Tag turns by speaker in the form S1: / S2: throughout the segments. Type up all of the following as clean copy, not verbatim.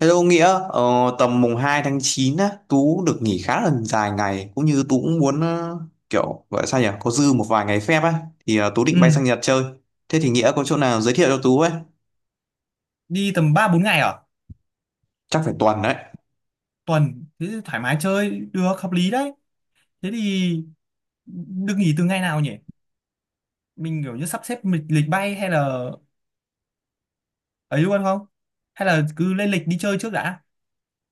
S1: Hello Nghĩa, ờ, tầm mùng 2 tháng 9 á, Tú được nghỉ khá là dài ngày cũng như Tú cũng muốn kiểu gọi là sao nhỉ, có dư một vài ngày phép á thì Tú định
S2: Ừ,
S1: bay sang Nhật chơi. Thế thì Nghĩa có chỗ nào giới thiệu cho Tú ấy?
S2: đi tầm 3 4 ngày ở
S1: Chắc phải tuần đấy.
S2: tuần thế thì thoải mái chơi được hợp lý đấy. Thế thì được nghỉ từ ngày nào nhỉ? Mình kiểu như sắp xếp lịch bay hay là ấy luôn không? Hay là cứ lên lịch đi chơi trước đã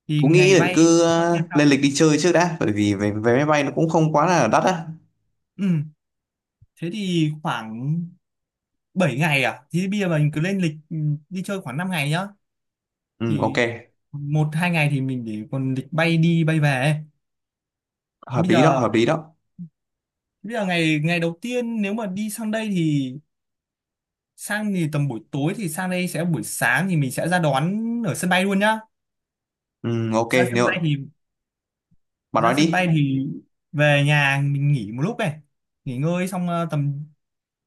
S2: thì
S1: Tú nghĩ
S2: ngày
S1: là
S2: bay
S1: cứ
S2: sắp xếp sau.
S1: lên lịch đi chơi trước đã, bởi vì vé vé máy bay nó cũng không quá là đắt á.
S2: Ừ, thế thì khoảng 7 ngày à? Thì bây giờ mình cứ lên lịch đi chơi khoảng 5 ngày nhá.
S1: Ừ ok,
S2: Thì một hai ngày thì mình để còn lịch bay đi bay về. Thì
S1: hợp
S2: bây
S1: lý đó,
S2: giờ
S1: hợp lý đó.
S2: bây giờ ngày ngày đầu tiên nếu mà đi sang đây thì sang thì tầm buổi tối thì sang đây sẽ buổi sáng thì mình sẽ ra đón ở sân bay luôn nhá.
S1: Ừ ok,
S2: ra sân bay
S1: nếu
S2: thì
S1: bạn nói
S2: ra sân bay
S1: đi.
S2: thì về nhà mình nghỉ một lúc này, nghỉ ngơi xong tầm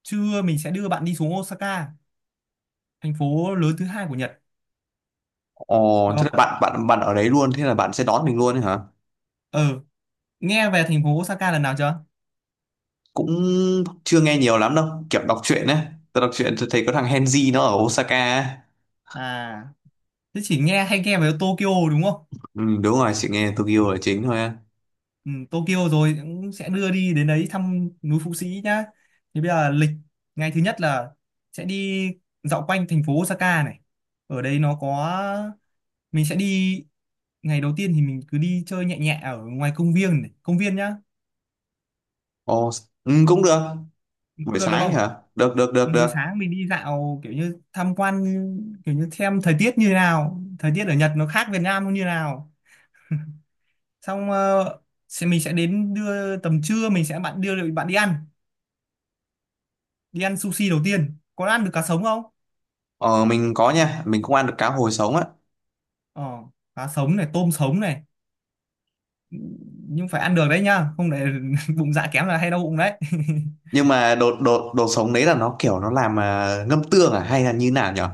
S2: trưa mình sẽ đưa bạn đi xuống Osaka, thành phố lớn thứ hai của Nhật,
S1: Ồ,
S2: được
S1: thế
S2: không?
S1: là bạn bạn bạn ở đấy luôn, thế là bạn sẽ đón mình luôn ấy hả?
S2: ờ Nghe về thành phố Osaka lần nào chưa?
S1: Cũng chưa nghe nhiều lắm đâu, kiểu đọc truyện ấy, tôi đọc truyện tôi thấy có thằng Henzi nó ở Osaka á.
S2: À, thế chỉ nghe hay nghe về Tokyo đúng không?
S1: Ừ, đúng rồi, chị nghe Tokyo là chính thôi á.
S2: Ừ, Tokyo rồi cũng sẽ đưa đi đến đấy thăm núi Phú Sĩ nhá. Thì bây giờ lịch ngày thứ nhất là sẽ đi dạo quanh thành phố Osaka này. Ở đây nó có, mình sẽ đi ngày đầu tiên thì mình cứ đi chơi nhẹ nhẹ ở ngoài công viên này công viên nhá.
S1: Ồ, ừ, cũng được.
S2: Cũng
S1: Buổi
S2: được, được
S1: sáng
S2: không?
S1: hả? Được được được
S2: Ừ, buổi
S1: được.
S2: sáng mình đi dạo kiểu như tham quan, kiểu như xem thời tiết như thế nào, thời tiết ở Nhật nó khác Việt Nam nó như thế nào. Xong sẽ mình sẽ đến đưa tầm trưa mình sẽ bạn đưa bạn đi ăn sushi đầu tiên, có ăn được cá sống không?
S1: Ờ, mình có nha, mình cũng ăn được cá hồi sống á.
S2: ờ Cá sống này, tôm sống này, nhưng phải ăn được đấy nhá, không để bụng dạ kém là hay đau bụng đấy.
S1: Nhưng mà đồ đồ đồ sống đấy là nó kiểu nó làm ngâm tương à hay là như nào nhở?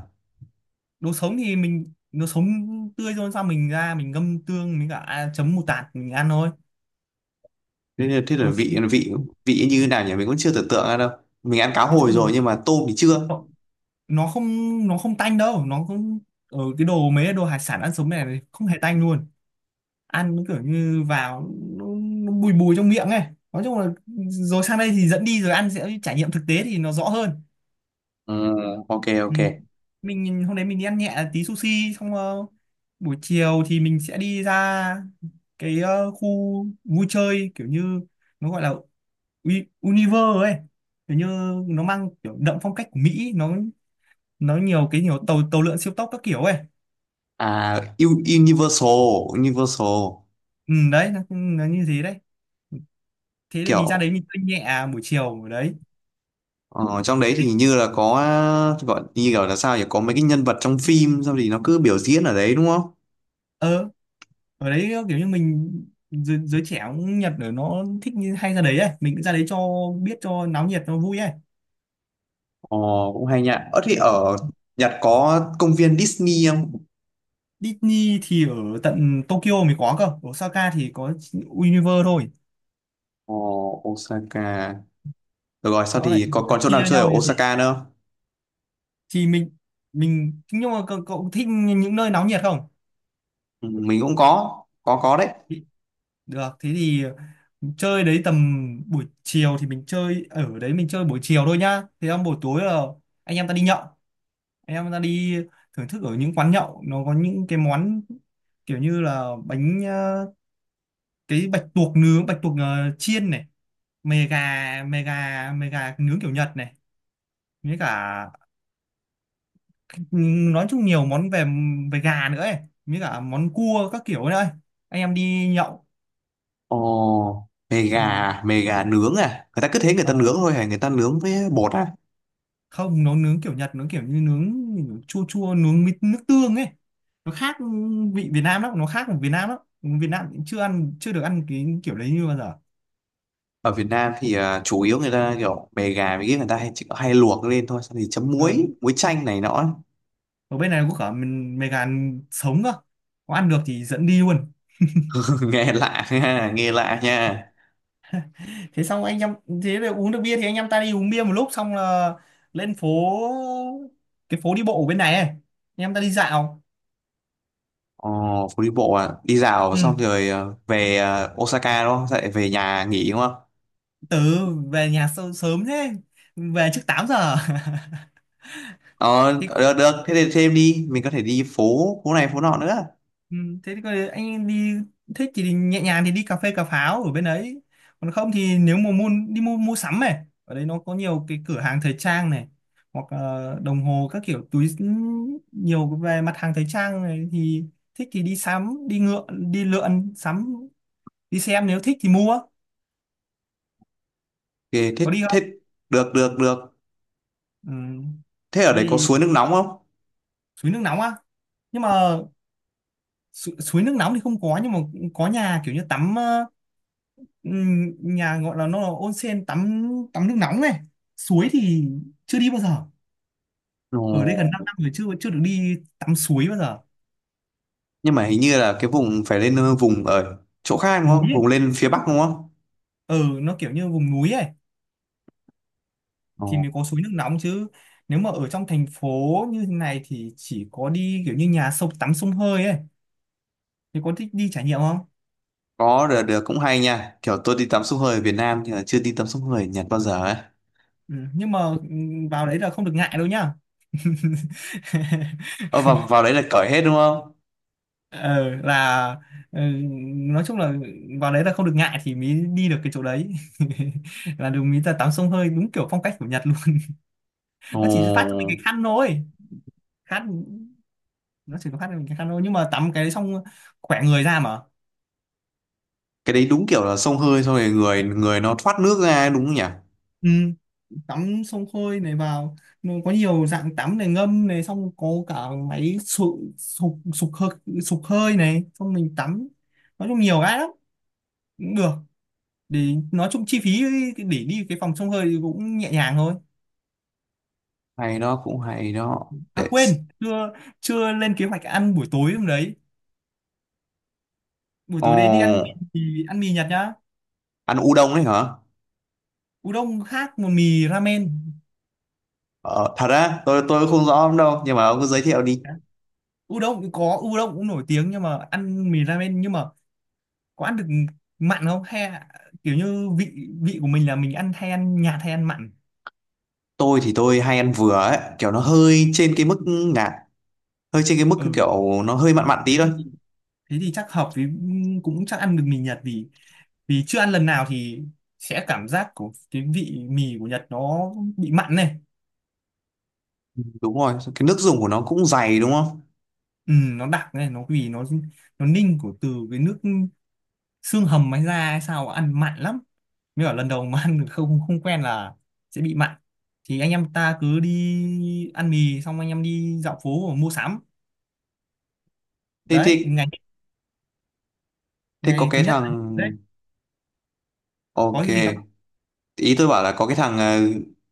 S2: Đồ sống thì mình đồ sống tươi rồi, sao mình ra mình ngâm tương mình cả à, chấm mù tạt mình ăn thôi
S1: Thế là
S2: đầu
S1: vị
S2: tiên.
S1: vị vị như nào nhỉ, mình cũng chưa tưởng tượng ra đâu. Mình ăn cá
S2: Nói
S1: hồi
S2: chung là
S1: rồi nhưng mà tôm thì chưa.
S2: nó không nó không tanh đâu, nó không, ở cái đồ mấy cái đồ hải sản ăn sống này thì không hề tanh luôn. Ăn nó kiểu như vào nó bùi bùi trong miệng ấy. Nói chung là rồi sang đây thì dẫn đi rồi ăn sẽ trải nghiệm thực tế thì nó rõ hơn.
S1: Ừ, ok
S2: Ừ.
S1: ok.
S2: Hôm đấy mình đi ăn nhẹ tí sushi xong buổi chiều thì mình sẽ đi ra cái khu vui chơi kiểu như nó gọi là Universe ấy, kiểu như nó mang kiểu đậm phong cách của Mỹ, nó nhiều cái, nhiều tàu tàu lượn siêu tốc các kiểu ấy.
S1: À, U- Universal. Universal
S2: Ừ, đấy nó như thế đấy. Thế thì mình ra
S1: kiểu.
S2: đấy mình chơi nhẹ à, buổi chiều ở đấy.
S1: Ờ, trong đấy thì như là có, gọi như kiểu là sao nhỉ, có mấy cái nhân vật trong phim xong thì nó cứ biểu diễn ở đấy đúng không?
S2: ờ Ở đấy kiểu như mình giới trẻ cũng Nhật ở nó thích như hay ra đấy ấy, mình cứ ra đấy cho biết cho náo nhiệt nó vui ấy.
S1: Ờ, cũng hay nhá. Ở thì ở Nhật có công viên Disney không?
S2: Disney thì ở tận Tokyo mới có cơ, ở Osaka thì có Universe thôi.
S1: Ờ, Osaka. Được rồi sao
S2: Nó lại
S1: thì còn còn chỗ nào
S2: chia
S1: chơi ở
S2: nhau như thế.
S1: Osaka nữa không?
S2: Thì mình nhưng mà cậu thích những nơi náo nhiệt không?
S1: Ừ, mình cũng có, có đấy.
S2: Thì- Được, thế thì chơi đấy tầm buổi chiều, thì mình chơi ở đấy mình chơi buổi chiều thôi nhá, thế xong buổi tối là anh em ta đi nhậu, anh em ta đi thưởng thức ở những quán nhậu, nó có những cái món kiểu như là bánh cái bạch tuộc nướng, bạch tuộc chiên này, mề gà mề gà mề gà nướng kiểu Nhật này, với cả ừ, nói chung nhiều món về về gà nữa ấy, với cả món cua các kiểu ấy, anh em đi nhậu.
S1: Ồ,
S2: Ừ.
S1: mề gà nướng à? Người ta cứ thế người ta nướng
S2: Ờ.
S1: thôi hả? Người ta nướng với bột à?
S2: Không, nó nướng kiểu Nhật nó kiểu như nướng chua chua, nướng mít nước tương ấy, nó khác vị Việt Nam lắm, nó khác của Việt Nam lắm, Việt Nam cũng chưa được ăn cái kiểu đấy như bao giờ.
S1: Ở Việt Nam thì chủ yếu người ta kiểu mề gà với cái người ta hay chỉ có hay luộc lên thôi, xong thì chấm
S2: Ờ.
S1: muối muối chanh này nọ ấy.
S2: Ở bên này có cả mình mề gà sống cơ, có ăn được thì dẫn đi luôn.
S1: Nghe lạ nha, nghe lạ nha.
S2: Thế xong anh em, thế là uống được bia thì anh em ta đi uống bia một lúc xong là lên phố, cái phố đi bộ ở bên này ấy. Anh em ta đi dạo.
S1: Ồ, phố đi bộ à, đi dạo
S2: Ừ,
S1: xong rồi về Osaka đúng không? Sao lại về nhà nghỉ đúng không?
S2: từ về nhà sớm thế, về trước 8 giờ.
S1: Ờ
S2: Thế.
S1: được được, thế thì thêm đi mình có thể đi phố, phố này phố nọ nữa.
S2: Ừ, thế thì coi anh đi, thích thì nhẹ nhàng thì đi cà phê cà pháo ở bên đấy, còn không thì nếu mà mua đi mua mua sắm này, ở đấy nó có nhiều cái cửa hàng thời trang này, hoặc đồng hồ các kiểu túi nhiều về mặt hàng thời trang này, thì thích thì đi sắm, đi ngựa, đi lượn sắm đi xem, nếu thích thì mua,
S1: thì thế
S2: có đi
S1: thế
S2: không?
S1: được được được.
S2: Ừ.
S1: Thế ở
S2: Thế
S1: đấy có
S2: thì
S1: suối nước nóng không?
S2: suối nước nóng á, nhưng mà suối nước nóng thì không có, nhưng mà có nhà kiểu như tắm. Nhà gọi là nó là onsen, tắm tắm nước nóng này. Suối thì chưa đi bao giờ, ở đây gần 5
S1: Ồ,
S2: năm rồi chưa chưa được đi tắm suối bao giờ.
S1: nhưng mà hình như là cái vùng phải lên vùng ở chỗ khác đúng không,
S2: Núi ấy.
S1: vùng lên phía bắc đúng không?
S2: ờ nó kiểu như vùng núi ấy thì
S1: Ồ,
S2: mới có suối nước nóng chứ, nếu mà ở trong thành phố như thế này thì chỉ có đi kiểu như nhà sông tắm sông hơi ấy, thì có thích đi trải nghiệm không?
S1: có, được được, cũng hay nha, kiểu tôi đi tắm sông hơi ở Việt Nam nhưng mà chưa đi tắm sông hơi ở Nhật bao giờ ấy.
S2: Ừ, nhưng mà vào đấy là không được ngại đâu nhá.
S1: Ờ, vào vào đấy là cởi hết đúng không?
S2: Ờ, là ừ, nói chung là vào đấy là không được ngại thì mới đi được cái chỗ đấy. Là đúng mới là tắm sông hơi đúng kiểu phong cách của Nhật luôn.
S1: Ồ,
S2: Nó chỉ phát cho mình cái khăn thôi. Khăn nó chỉ có phát cho mình cái khăn thôi, nhưng mà tắm cái đấy xong khỏe người ra mà.
S1: cái đấy đúng kiểu là xông hơi xong rồi người người nó thoát nước ra ấy, đúng không nhỉ?
S2: Ừ, tắm sông hơi này vào, nó có nhiều dạng tắm này, ngâm này, xong có cả máy sục sục sục hơi này, xong mình tắm, nói chung nhiều cái lắm, cũng được. Để nói chung chi phí để đi cái phòng sông hơi thì cũng nhẹ nhàng thôi.
S1: Hay đó, cũng hay đó
S2: À
S1: để x-.
S2: quên, chưa chưa lên kế hoạch ăn buổi tối hôm đấy. Buổi tối đấy đi
S1: Ồ,
S2: mì, ăn mì Nhật nhá.
S1: ăn udon đấy hả?
S2: Udon khác một mì ramen.
S1: Ờ, thật á, tôi không rõ lắm đâu nhưng mà ông cứ giới thiệu đi.
S2: Udon cũng có, udon cũng nổi tiếng, nhưng mà ăn mì ramen. Nhưng mà có ăn được mặn không, hay là kiểu như vị vị của mình là mình ăn, hay ăn nhạt hay ăn mặn?
S1: Tôi thì tôi hay ăn vừa ấy, kiểu nó hơi trên cái mức ngạt, hơi trên cái mức
S2: Ừ,
S1: kiểu nó hơi mặn mặn
S2: thế
S1: tí thôi.
S2: thì, thế thì chắc hợp với, cũng chắc ăn được mì Nhật, vì vì chưa ăn lần nào thì sẽ cảm giác của cái vị mì của Nhật nó bị mặn này.
S1: Đúng rồi, cái nước dùng của nó cũng dày đúng không?
S2: Ừ, nó đặc này, nó vì nó ninh của từ cái nước xương hầm hay da hay sao, ăn mặn lắm, mới bảo lần đầu mà ăn không không quen là sẽ bị mặn. Thì anh em ta cứ đi ăn mì xong anh em đi dạo phố mua sắm,
S1: thế
S2: đấy
S1: thế
S2: ngày
S1: thế có
S2: ngày thứ
S1: cái
S2: nhất là-
S1: thằng,
S2: đấy, có
S1: ok,
S2: gì gì không?
S1: ý tôi bảo là có cái thằng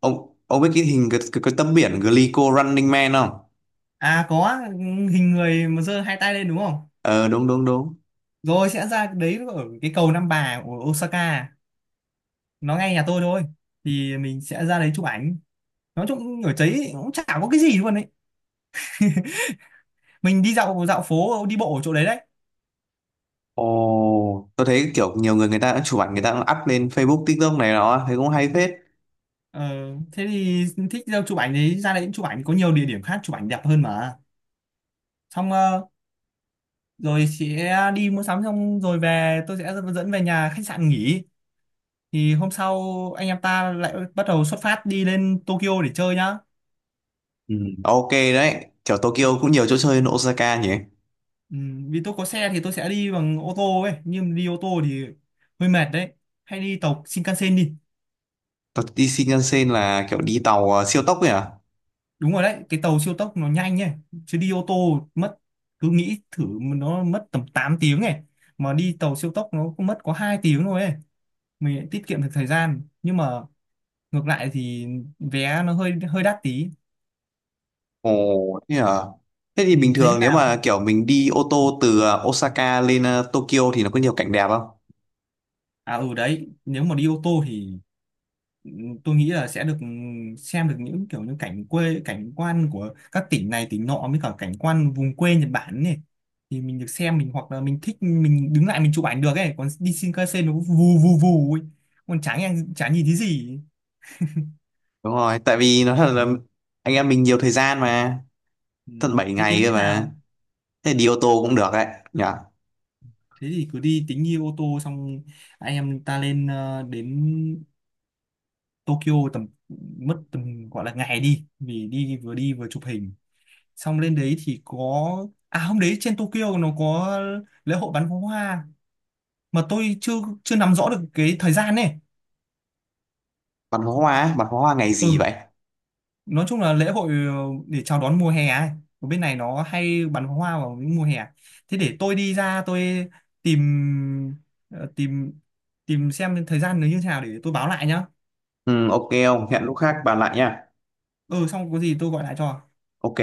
S1: ông biết cái hình cái tấm biển Glico Running Man không?
S2: À, có hình người mà giơ hai tay lên đúng không?
S1: Ờ đúng đúng đúng.
S2: Rồi sẽ ra đấy ở cái cầu Nam Bà của Osaka, nó ngay nhà tôi thôi, thì mình sẽ ra đấy chụp ảnh, nói chung ở đấy cũng chả có cái gì luôn đấy, mình đi dạo dạo phố đi bộ ở chỗ đấy đấy.
S1: Ồ, tôi thấy kiểu nhiều người người ta đã chụp ảnh, người ta cũng up lên Facebook, TikTok này đó, thấy cũng hay phết.
S2: Ờ, thế thì thích đâu chụp ảnh thì ra đấy chụp ảnh, có nhiều địa điểm khác chụp ảnh đẹp hơn mà. Xong rồi chị đi mua sắm xong rồi về tôi sẽ dẫn về nhà khách sạn nghỉ, thì hôm sau anh em ta lại bắt đầu xuất phát đi lên Tokyo để chơi nhá.
S1: Ừ, ok đấy, kiểu Tokyo cũng nhiều chỗ chơi hơn Osaka nhỉ.
S2: Ừ, vì tôi có xe thì tôi sẽ đi bằng ô tô ấy, nhưng đi ô tô thì hơi mệt đấy, hay đi tàu Shinkansen đi.
S1: Còn đi Shinkansen là kiểu đi tàu siêu tốc ấy à?
S2: Đúng rồi đấy, cái tàu siêu tốc nó nhanh ấy, chứ đi ô tô mất, cứ nghĩ thử, nó mất tầm 8 tiếng này, mà đi tàu siêu tốc nó cũng mất có 2 tiếng thôi ấy, mình lại tiết kiệm được thời gian, nhưng mà ngược lại thì vé nó hơi hơi đắt tí.
S1: Ồ, thế à? Thế thì
S2: Ừ,
S1: bình
S2: thế thế
S1: thường nếu mà
S2: nào.
S1: kiểu mình đi ô tô từ Osaka lên Tokyo thì nó có nhiều cảnh đẹp không?
S2: À, ừ đấy, nếu mà đi ô tô thì tôi nghĩ là sẽ được xem được những kiểu như cảnh quê, cảnh quan của các tỉnh này tỉnh nọ, với cả cảnh quan vùng quê Nhật Bản này, thì mình được xem, mình hoặc là mình thích mình đứng lại mình chụp ảnh được ấy, còn đi Shinkansen nó vù vù vù ấy, còn chả nghe chả nhìn thấy gì.
S1: Đúng rồi, tại vì nó thật là anh em mình nhiều thời gian mà,
S2: Ừ.
S1: tận 7
S2: Thế
S1: ngày
S2: tính thế
S1: cơ mà.
S2: nào?
S1: Thế đi ô tô cũng được đấy, nhỉ?
S2: Thế thì cứ đi tính đi ô tô, xong anh em ta lên đến Tokyo, tầm mất tầm gọi là ngày đi vì đi vừa chụp hình. Xong lên đấy thì có, à hôm đấy trên Tokyo nó có lễ hội bắn pháo hoa, mà tôi chưa chưa nắm rõ được cái thời gian này.
S1: Bắn pháo hoa, á, bắn pháo hoa ngày
S2: Ừ,
S1: gì vậy?
S2: nói chung là lễ hội để chào đón mùa hè ấy. Ở bên này nó hay bắn pháo hoa vào những mùa hè, thế để tôi đi ra tôi tìm ờ, tìm tìm xem thời gian nó như thế nào để tôi báo lại nhá.
S1: Ừ, ok không? Hẹn lúc khác bàn lại nha.
S2: Ừ, xong có gì tôi gọi lại cho
S1: Ok,